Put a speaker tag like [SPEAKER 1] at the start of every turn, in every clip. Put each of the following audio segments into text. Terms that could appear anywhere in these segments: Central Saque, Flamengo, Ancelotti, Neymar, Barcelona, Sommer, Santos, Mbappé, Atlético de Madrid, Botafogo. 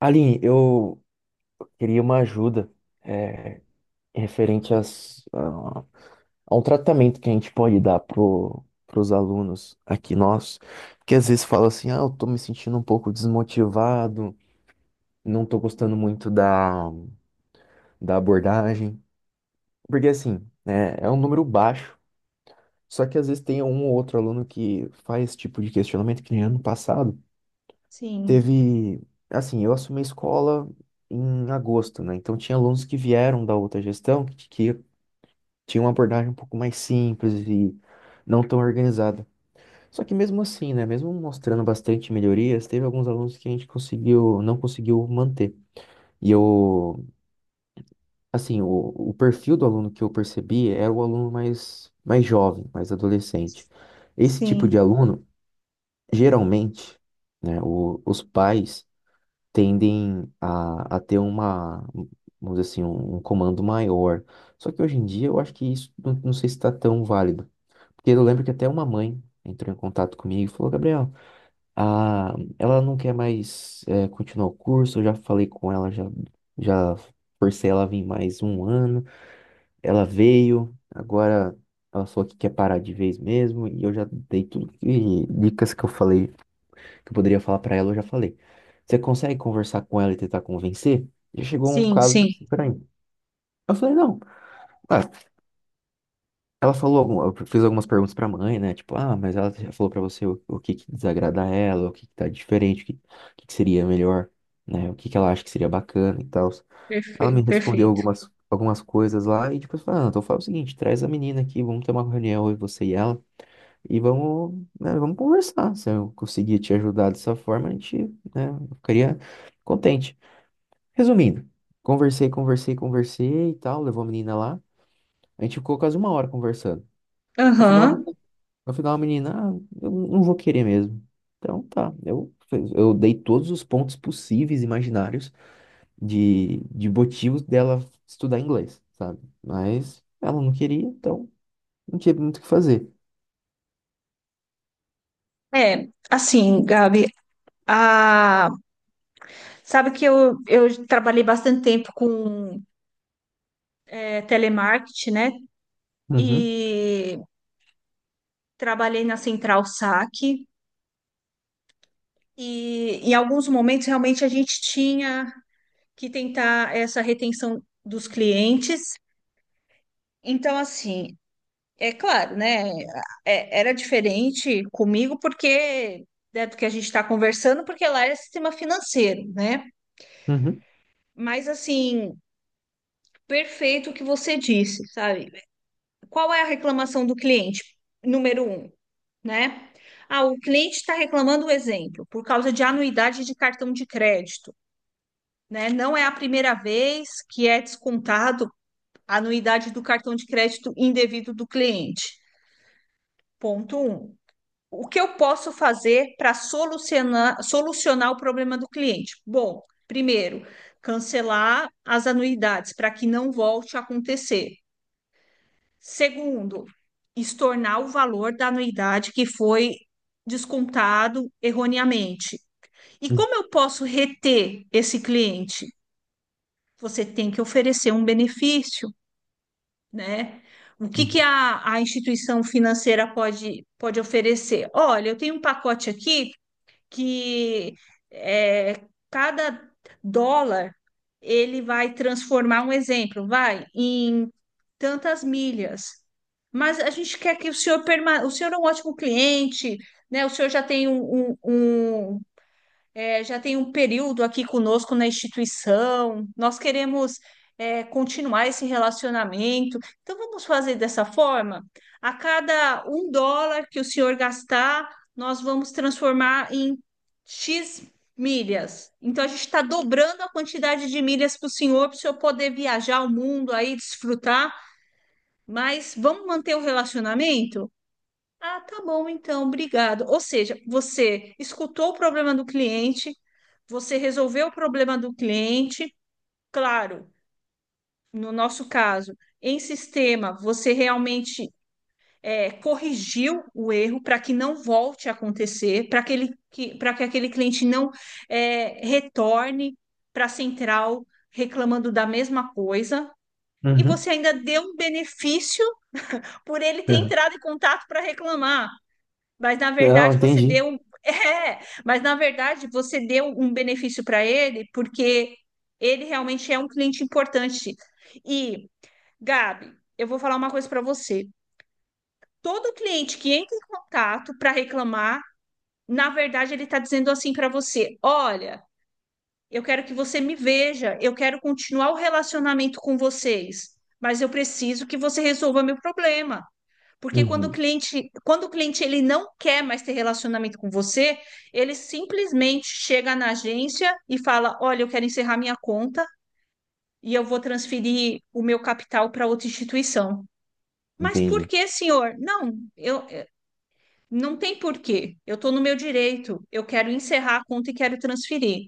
[SPEAKER 1] Aline, eu queria uma ajuda, é, referente a a um tratamento que a gente pode dar pros alunos aqui nossos, que às vezes fala assim, ah, eu tô me sentindo um pouco desmotivado, não tô gostando muito da abordagem, porque assim, né, é um número baixo, só que às vezes tem um ou outro aluno que faz esse tipo de questionamento, que nem ano passado.
[SPEAKER 2] Sim,
[SPEAKER 1] Teve, assim, eu assumi a escola em agosto, né? Então tinha alunos que vieram da outra gestão que tinham uma abordagem um pouco mais simples e não tão organizada. Só que mesmo assim, né? Mesmo mostrando bastante melhorias, teve alguns alunos que a gente não conseguiu manter. E eu, assim, o perfil do aluno que eu percebi era o aluno mais jovem, mais adolescente. Esse tipo
[SPEAKER 2] sim,
[SPEAKER 1] de aluno, geralmente, né, os pais tendem a ter uma, vamos dizer assim, um comando maior. Só que hoje em dia eu acho que isso não sei se está tão válido. Porque eu lembro que até uma mãe entrou em contato comigo e falou, Gabriel, a, ela não quer mais continuar o curso, eu já falei com ela, já forcei ela a vir mais um ano, ela veio, agora ela falou que quer parar de vez mesmo, e eu já dei tudo dicas que eu falei que eu poderia falar pra ela, eu já falei. Você consegue conversar com ela e tentar convencer? E chegou um
[SPEAKER 2] sim,
[SPEAKER 1] caso
[SPEAKER 2] sim.
[SPEAKER 1] assim pra mim. Eu falei, não. Ah, ela falou, algum- eu fiz algumas perguntas pra mãe, né? Tipo, ah, mas ela já falou pra você o que que desagrada a ela, o que que tá diferente, o que que seria melhor, né? O que que ela acha que seria bacana e tal. Ela me
[SPEAKER 2] Perfeito,
[SPEAKER 1] respondeu
[SPEAKER 2] perfeito.
[SPEAKER 1] algumas coisas lá e depois falou, ah, então fala o seguinte, traz a menina aqui, vamos ter uma reunião, eu, você e ela. E vamos, né, vamos conversar. Se eu conseguir te ajudar dessa forma, a gente, né, eu ficaria contente. Resumindo, conversei, conversei, conversei e tal, levou a menina lá. A gente ficou quase uma hora conversando. No final,
[SPEAKER 2] Aham.
[SPEAKER 1] no final a menina, ah, eu não vou querer mesmo. Então tá, eu dei todos os pontos possíveis, imaginários, de motivos dela estudar inglês, sabe? Mas ela não queria, então não tinha muito o que fazer.
[SPEAKER 2] É, assim, Gabi, a... sabe que eu trabalhei bastante tempo com telemarketing, né?
[SPEAKER 1] Uhum,
[SPEAKER 2] E trabalhei na Central Saque. E em alguns momentos, realmente, a gente tinha que tentar essa retenção dos clientes. Então, assim, é claro, né? Era diferente comigo porque, né, do que a gente está conversando, porque lá era sistema financeiro, né?
[SPEAKER 1] uhum,
[SPEAKER 2] Mas assim, perfeito o que você disse, sabe? Qual é a reclamação do cliente? Número um, né? Ah, o cliente está reclamando, um exemplo, por causa de anuidade de cartão de crédito, né? Não é a primeira vez que é descontado a anuidade do cartão de crédito indevido do cliente. Ponto um. O que eu posso fazer para solucionar o problema do cliente? Bom, primeiro, cancelar as anuidades para que não volte a acontecer. Segundo, estornar o valor da anuidade que foi descontado erroneamente. E
[SPEAKER 1] uhum,
[SPEAKER 2] como eu posso reter esse cliente? Você tem que oferecer um benefício, né? Que a instituição financeira pode, pode oferecer? Olha, eu tenho um pacote aqui que é, cada dólar ele vai transformar, um exemplo, vai em tantas milhas. Mas a gente quer que o senhor permaneça. O senhor é um ótimo cliente, né? O senhor já tem um já tem um período aqui conosco na instituição, nós queremos, continuar esse relacionamento, então vamos fazer dessa forma? A cada um dólar que o senhor gastar, nós vamos transformar em X milhas. Então a gente está dobrando a quantidade de milhas para o senhor poder viajar o mundo aí, desfrutar, mas vamos manter o relacionamento? Ah, tá bom, então, obrigado. Ou seja, você escutou o problema do cliente, você resolveu o problema do cliente, claro, no nosso caso, em sistema, você realmente corrigiu o erro para que não volte a acontecer, para que aquele cliente não retorne para a central reclamando da mesma coisa. E
[SPEAKER 1] uhum.
[SPEAKER 2] você ainda deu um benefício por ele ter
[SPEAKER 1] Uhum.
[SPEAKER 2] entrado em contato para reclamar. Mas na
[SPEAKER 1] Não,
[SPEAKER 2] verdade você
[SPEAKER 1] entendi.
[SPEAKER 2] é, mas na verdade você deu um benefício para ele porque ele realmente é um cliente importante. E, Gabi, eu vou falar uma coisa para você. Todo cliente que entra em contato para reclamar, na verdade ele está dizendo assim para você: "Olha, eu quero que você me veja, eu quero continuar o relacionamento com vocês, mas eu preciso que você resolva meu problema. Porque
[SPEAKER 1] Uhum,
[SPEAKER 2] quando o cliente ele não quer mais ter relacionamento com você, ele simplesmente chega na agência e fala: "Olha, eu quero encerrar minha conta e eu vou transferir o meu capital para outra instituição". Mas por
[SPEAKER 1] entendi.
[SPEAKER 2] que, senhor? Não, eu eu- não tem porquê. Eu estou no meu direito. Eu quero encerrar a conta e quero transferir.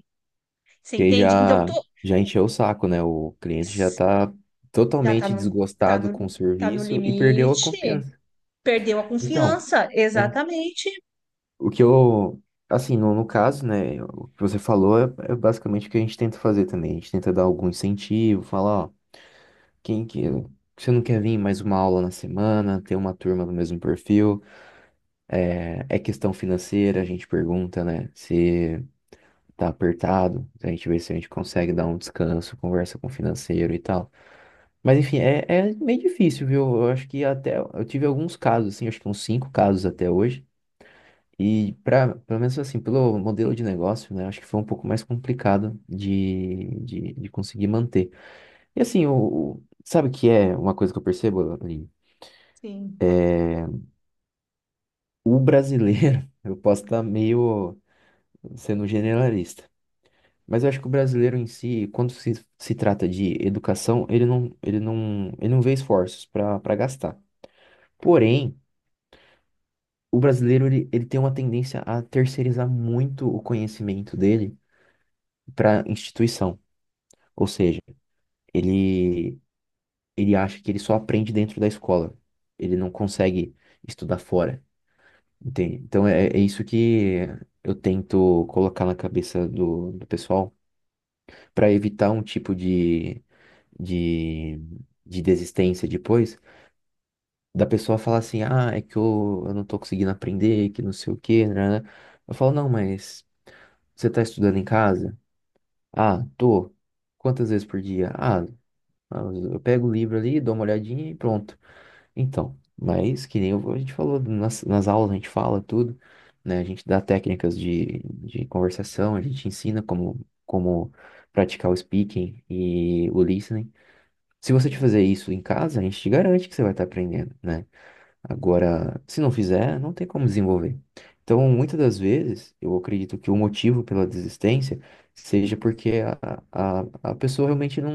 [SPEAKER 2] Você
[SPEAKER 1] Que aí
[SPEAKER 2] entende? Então tô,
[SPEAKER 1] já encheu o saco, né? O cliente já tá
[SPEAKER 2] já tá
[SPEAKER 1] totalmente
[SPEAKER 2] no tá
[SPEAKER 1] desgostado com o
[SPEAKER 2] no tá no
[SPEAKER 1] serviço e perdeu a
[SPEAKER 2] limite.
[SPEAKER 1] confiança.
[SPEAKER 2] Perdeu a
[SPEAKER 1] Então,
[SPEAKER 2] confiança,
[SPEAKER 1] é,
[SPEAKER 2] exatamente.
[SPEAKER 1] o que eu, assim, no, no caso, né? O que você falou é, é basicamente o que a gente tenta fazer também. A gente tenta dar algum incentivo, falar, ó, quem que. Você não quer vir em mais uma aula na semana, ter uma turma do mesmo perfil? É, é questão financeira, a gente pergunta, né? Se tá apertado, a gente vê se a gente consegue dar um descanso, conversa com o financeiro e tal. Mas enfim, é, é meio difícil, viu? Eu acho que até eu tive alguns casos, assim, acho que uns cinco casos até hoje. E para, pelo menos assim, pelo modelo de negócio, né? Acho que foi um pouco mais complicado de conseguir manter. E assim, sabe o que é uma coisa que eu percebo, Aline?
[SPEAKER 2] Sim,
[SPEAKER 1] O brasileiro, eu posso estar meio sendo generalista, mas eu acho que o brasileiro em si, quando se trata de educação, ele não vê esforços para para gastar. Porém, o brasileiro ele tem uma tendência a terceirizar muito o conhecimento dele para instituição. Ou seja, ele, ele acha que ele só aprende dentro da escola. Ele não consegue estudar fora, entende? Então é, é isso que eu tento colocar na cabeça do pessoal para evitar um tipo de, de desistência depois, da pessoa falar assim, ah, é que eu não tô conseguindo aprender, que não sei o quê, né? Eu falo, não, mas você tá estudando em casa? Ah, tô. Quantas vezes por dia? Ah, eu pego o livro ali, dou uma olhadinha e pronto. Então, mas que nem eu- a gente falou nas aulas, a gente fala tudo, né? A gente dá técnicas de conversação, a gente ensina como, como praticar o speaking e o listening. Se você te
[SPEAKER 2] sim.
[SPEAKER 1] fazer isso em casa, a gente te garante que você vai estar aprendendo, né? Agora, se não fizer, não tem como desenvolver. Então, muitas das vezes, eu acredito que o motivo pela desistência seja porque a pessoa realmente não,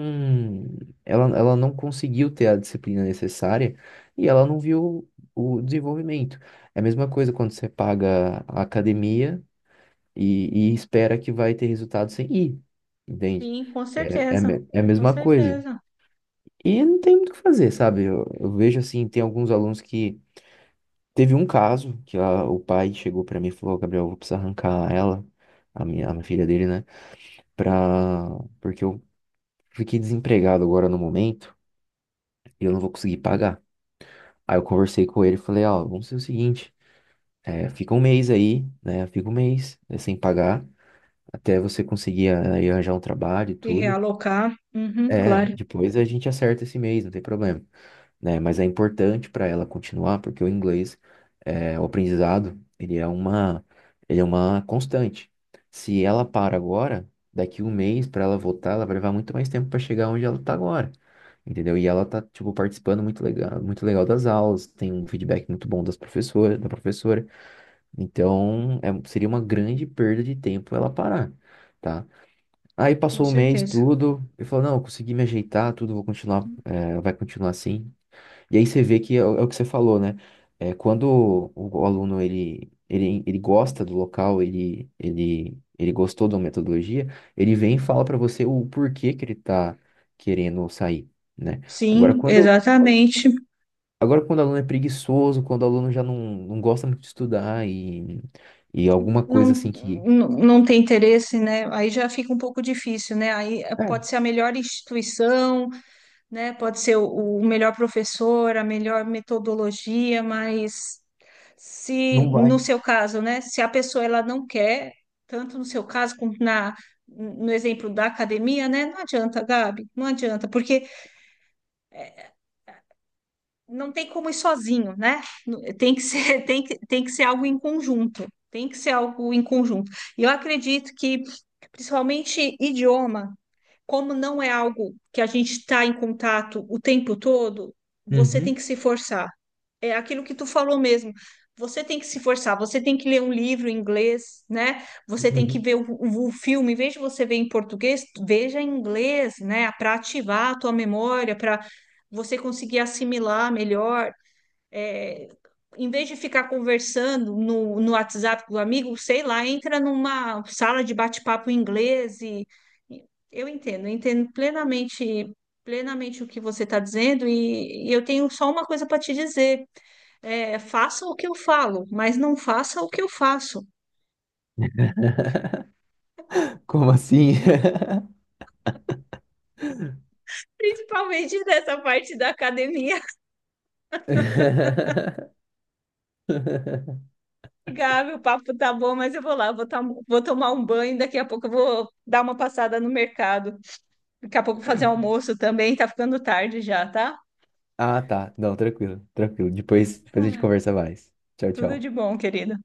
[SPEAKER 1] ela não conseguiu ter a disciplina necessária e ela não viu o desenvolvimento. É a mesma coisa quando você paga a academia e espera que vai ter resultado sem ir, entende?
[SPEAKER 2] Sim, com
[SPEAKER 1] É, é, a
[SPEAKER 2] certeza,
[SPEAKER 1] me- é a
[SPEAKER 2] com
[SPEAKER 1] mesma coisa.
[SPEAKER 2] certeza.
[SPEAKER 1] E não tem muito o que fazer, sabe? Eu vejo assim, tem alguns alunos que teve um caso que o pai chegou pra mim e falou, "Ó, Gabriel, eu vou precisar arrancar ela, a minha filha dele, né? Pra... Porque eu fiquei desempregado agora no momento e eu não vou conseguir pagar." Aí eu conversei com ele e falei, ó, vamos fazer o seguinte, é, fica um mês aí, né? Fica um mês é, sem pagar, até você conseguir é, aí arranjar um trabalho e
[SPEAKER 2] E
[SPEAKER 1] tudo.
[SPEAKER 2] realocar, uhum,
[SPEAKER 1] É,
[SPEAKER 2] claro,
[SPEAKER 1] depois a gente acerta esse mês, não tem problema, né? Mas é importante para ela continuar, porque o inglês, é, o aprendizado, ele é uma constante. Se ela para agora, daqui um mês para ela voltar, ela vai levar muito mais tempo para chegar onde ela tá agora. Entendeu? E ela tá, tipo, participando muito legal das aulas, tem um feedback muito bom das professoras, da professora. Então, é- seria uma grande perda de tempo ela parar, tá? Aí
[SPEAKER 2] com
[SPEAKER 1] passou um mês,
[SPEAKER 2] certeza.
[SPEAKER 1] tudo, e falou, não, eu consegui me ajeitar, tudo, vou continuar, eh, vai continuar assim. E aí você vê que é, o é o que você falou, né? É, quando o aluno ele gosta do local, ele gostou da metodologia, ele vem e fala para você o porquê que ele está querendo sair, né? Agora,
[SPEAKER 2] Sim,
[SPEAKER 1] quando,
[SPEAKER 2] exatamente.
[SPEAKER 1] agora, quando o aluno é preguiçoso, quando o aluno já não gosta muito de estudar e alguma coisa
[SPEAKER 2] Não,
[SPEAKER 1] assim que...
[SPEAKER 2] não, não tem interesse, né? Aí já fica um pouco difícil, né? Aí
[SPEAKER 1] É,
[SPEAKER 2] pode ser a melhor instituição, né? Pode ser o melhor professor, a melhor metodologia, mas se
[SPEAKER 1] não
[SPEAKER 2] no
[SPEAKER 1] vai.
[SPEAKER 2] seu caso, né? Se a pessoa ela não quer, tanto no seu caso como no exemplo da academia, né? Não adianta, Gabi, não adianta, porque não tem como ir sozinho, né? Tem que ser, tem que ser algo em conjunto. Tem que ser algo em conjunto. E eu acredito que, principalmente idioma, como não é algo que a gente está em contato o tempo todo, você tem
[SPEAKER 1] Uhum,
[SPEAKER 2] que se forçar. É aquilo que tu falou mesmo. Você tem que se forçar, você tem que ler um livro em inglês, né? Você tem que
[SPEAKER 1] uhum.
[SPEAKER 2] ver o filme; em vez de você ver em português, veja em inglês, né? Para ativar a tua memória, para você conseguir assimilar melhor, é, em vez de ficar conversando no WhatsApp com o amigo, sei lá, entra numa sala de bate-papo em inglês e e eu entendo, plenamente o que você está dizendo, e eu tenho só uma coisa para te dizer, faça o que eu falo, mas não faça o que eu faço.
[SPEAKER 1] Como assim?
[SPEAKER 2] Principalmente nessa parte da academia. Gabi, o papo tá bom, mas eu vou lá, vou, vou tomar um banho, daqui a pouco eu vou dar uma passada no mercado. Daqui a pouco fazer almoço também, tá ficando tarde já, tá?
[SPEAKER 1] Ah, tá. Não, tranquilo, tranquilo. Depois a gente conversa mais. Tchau,
[SPEAKER 2] Tudo de
[SPEAKER 1] tchau.
[SPEAKER 2] bom, querida.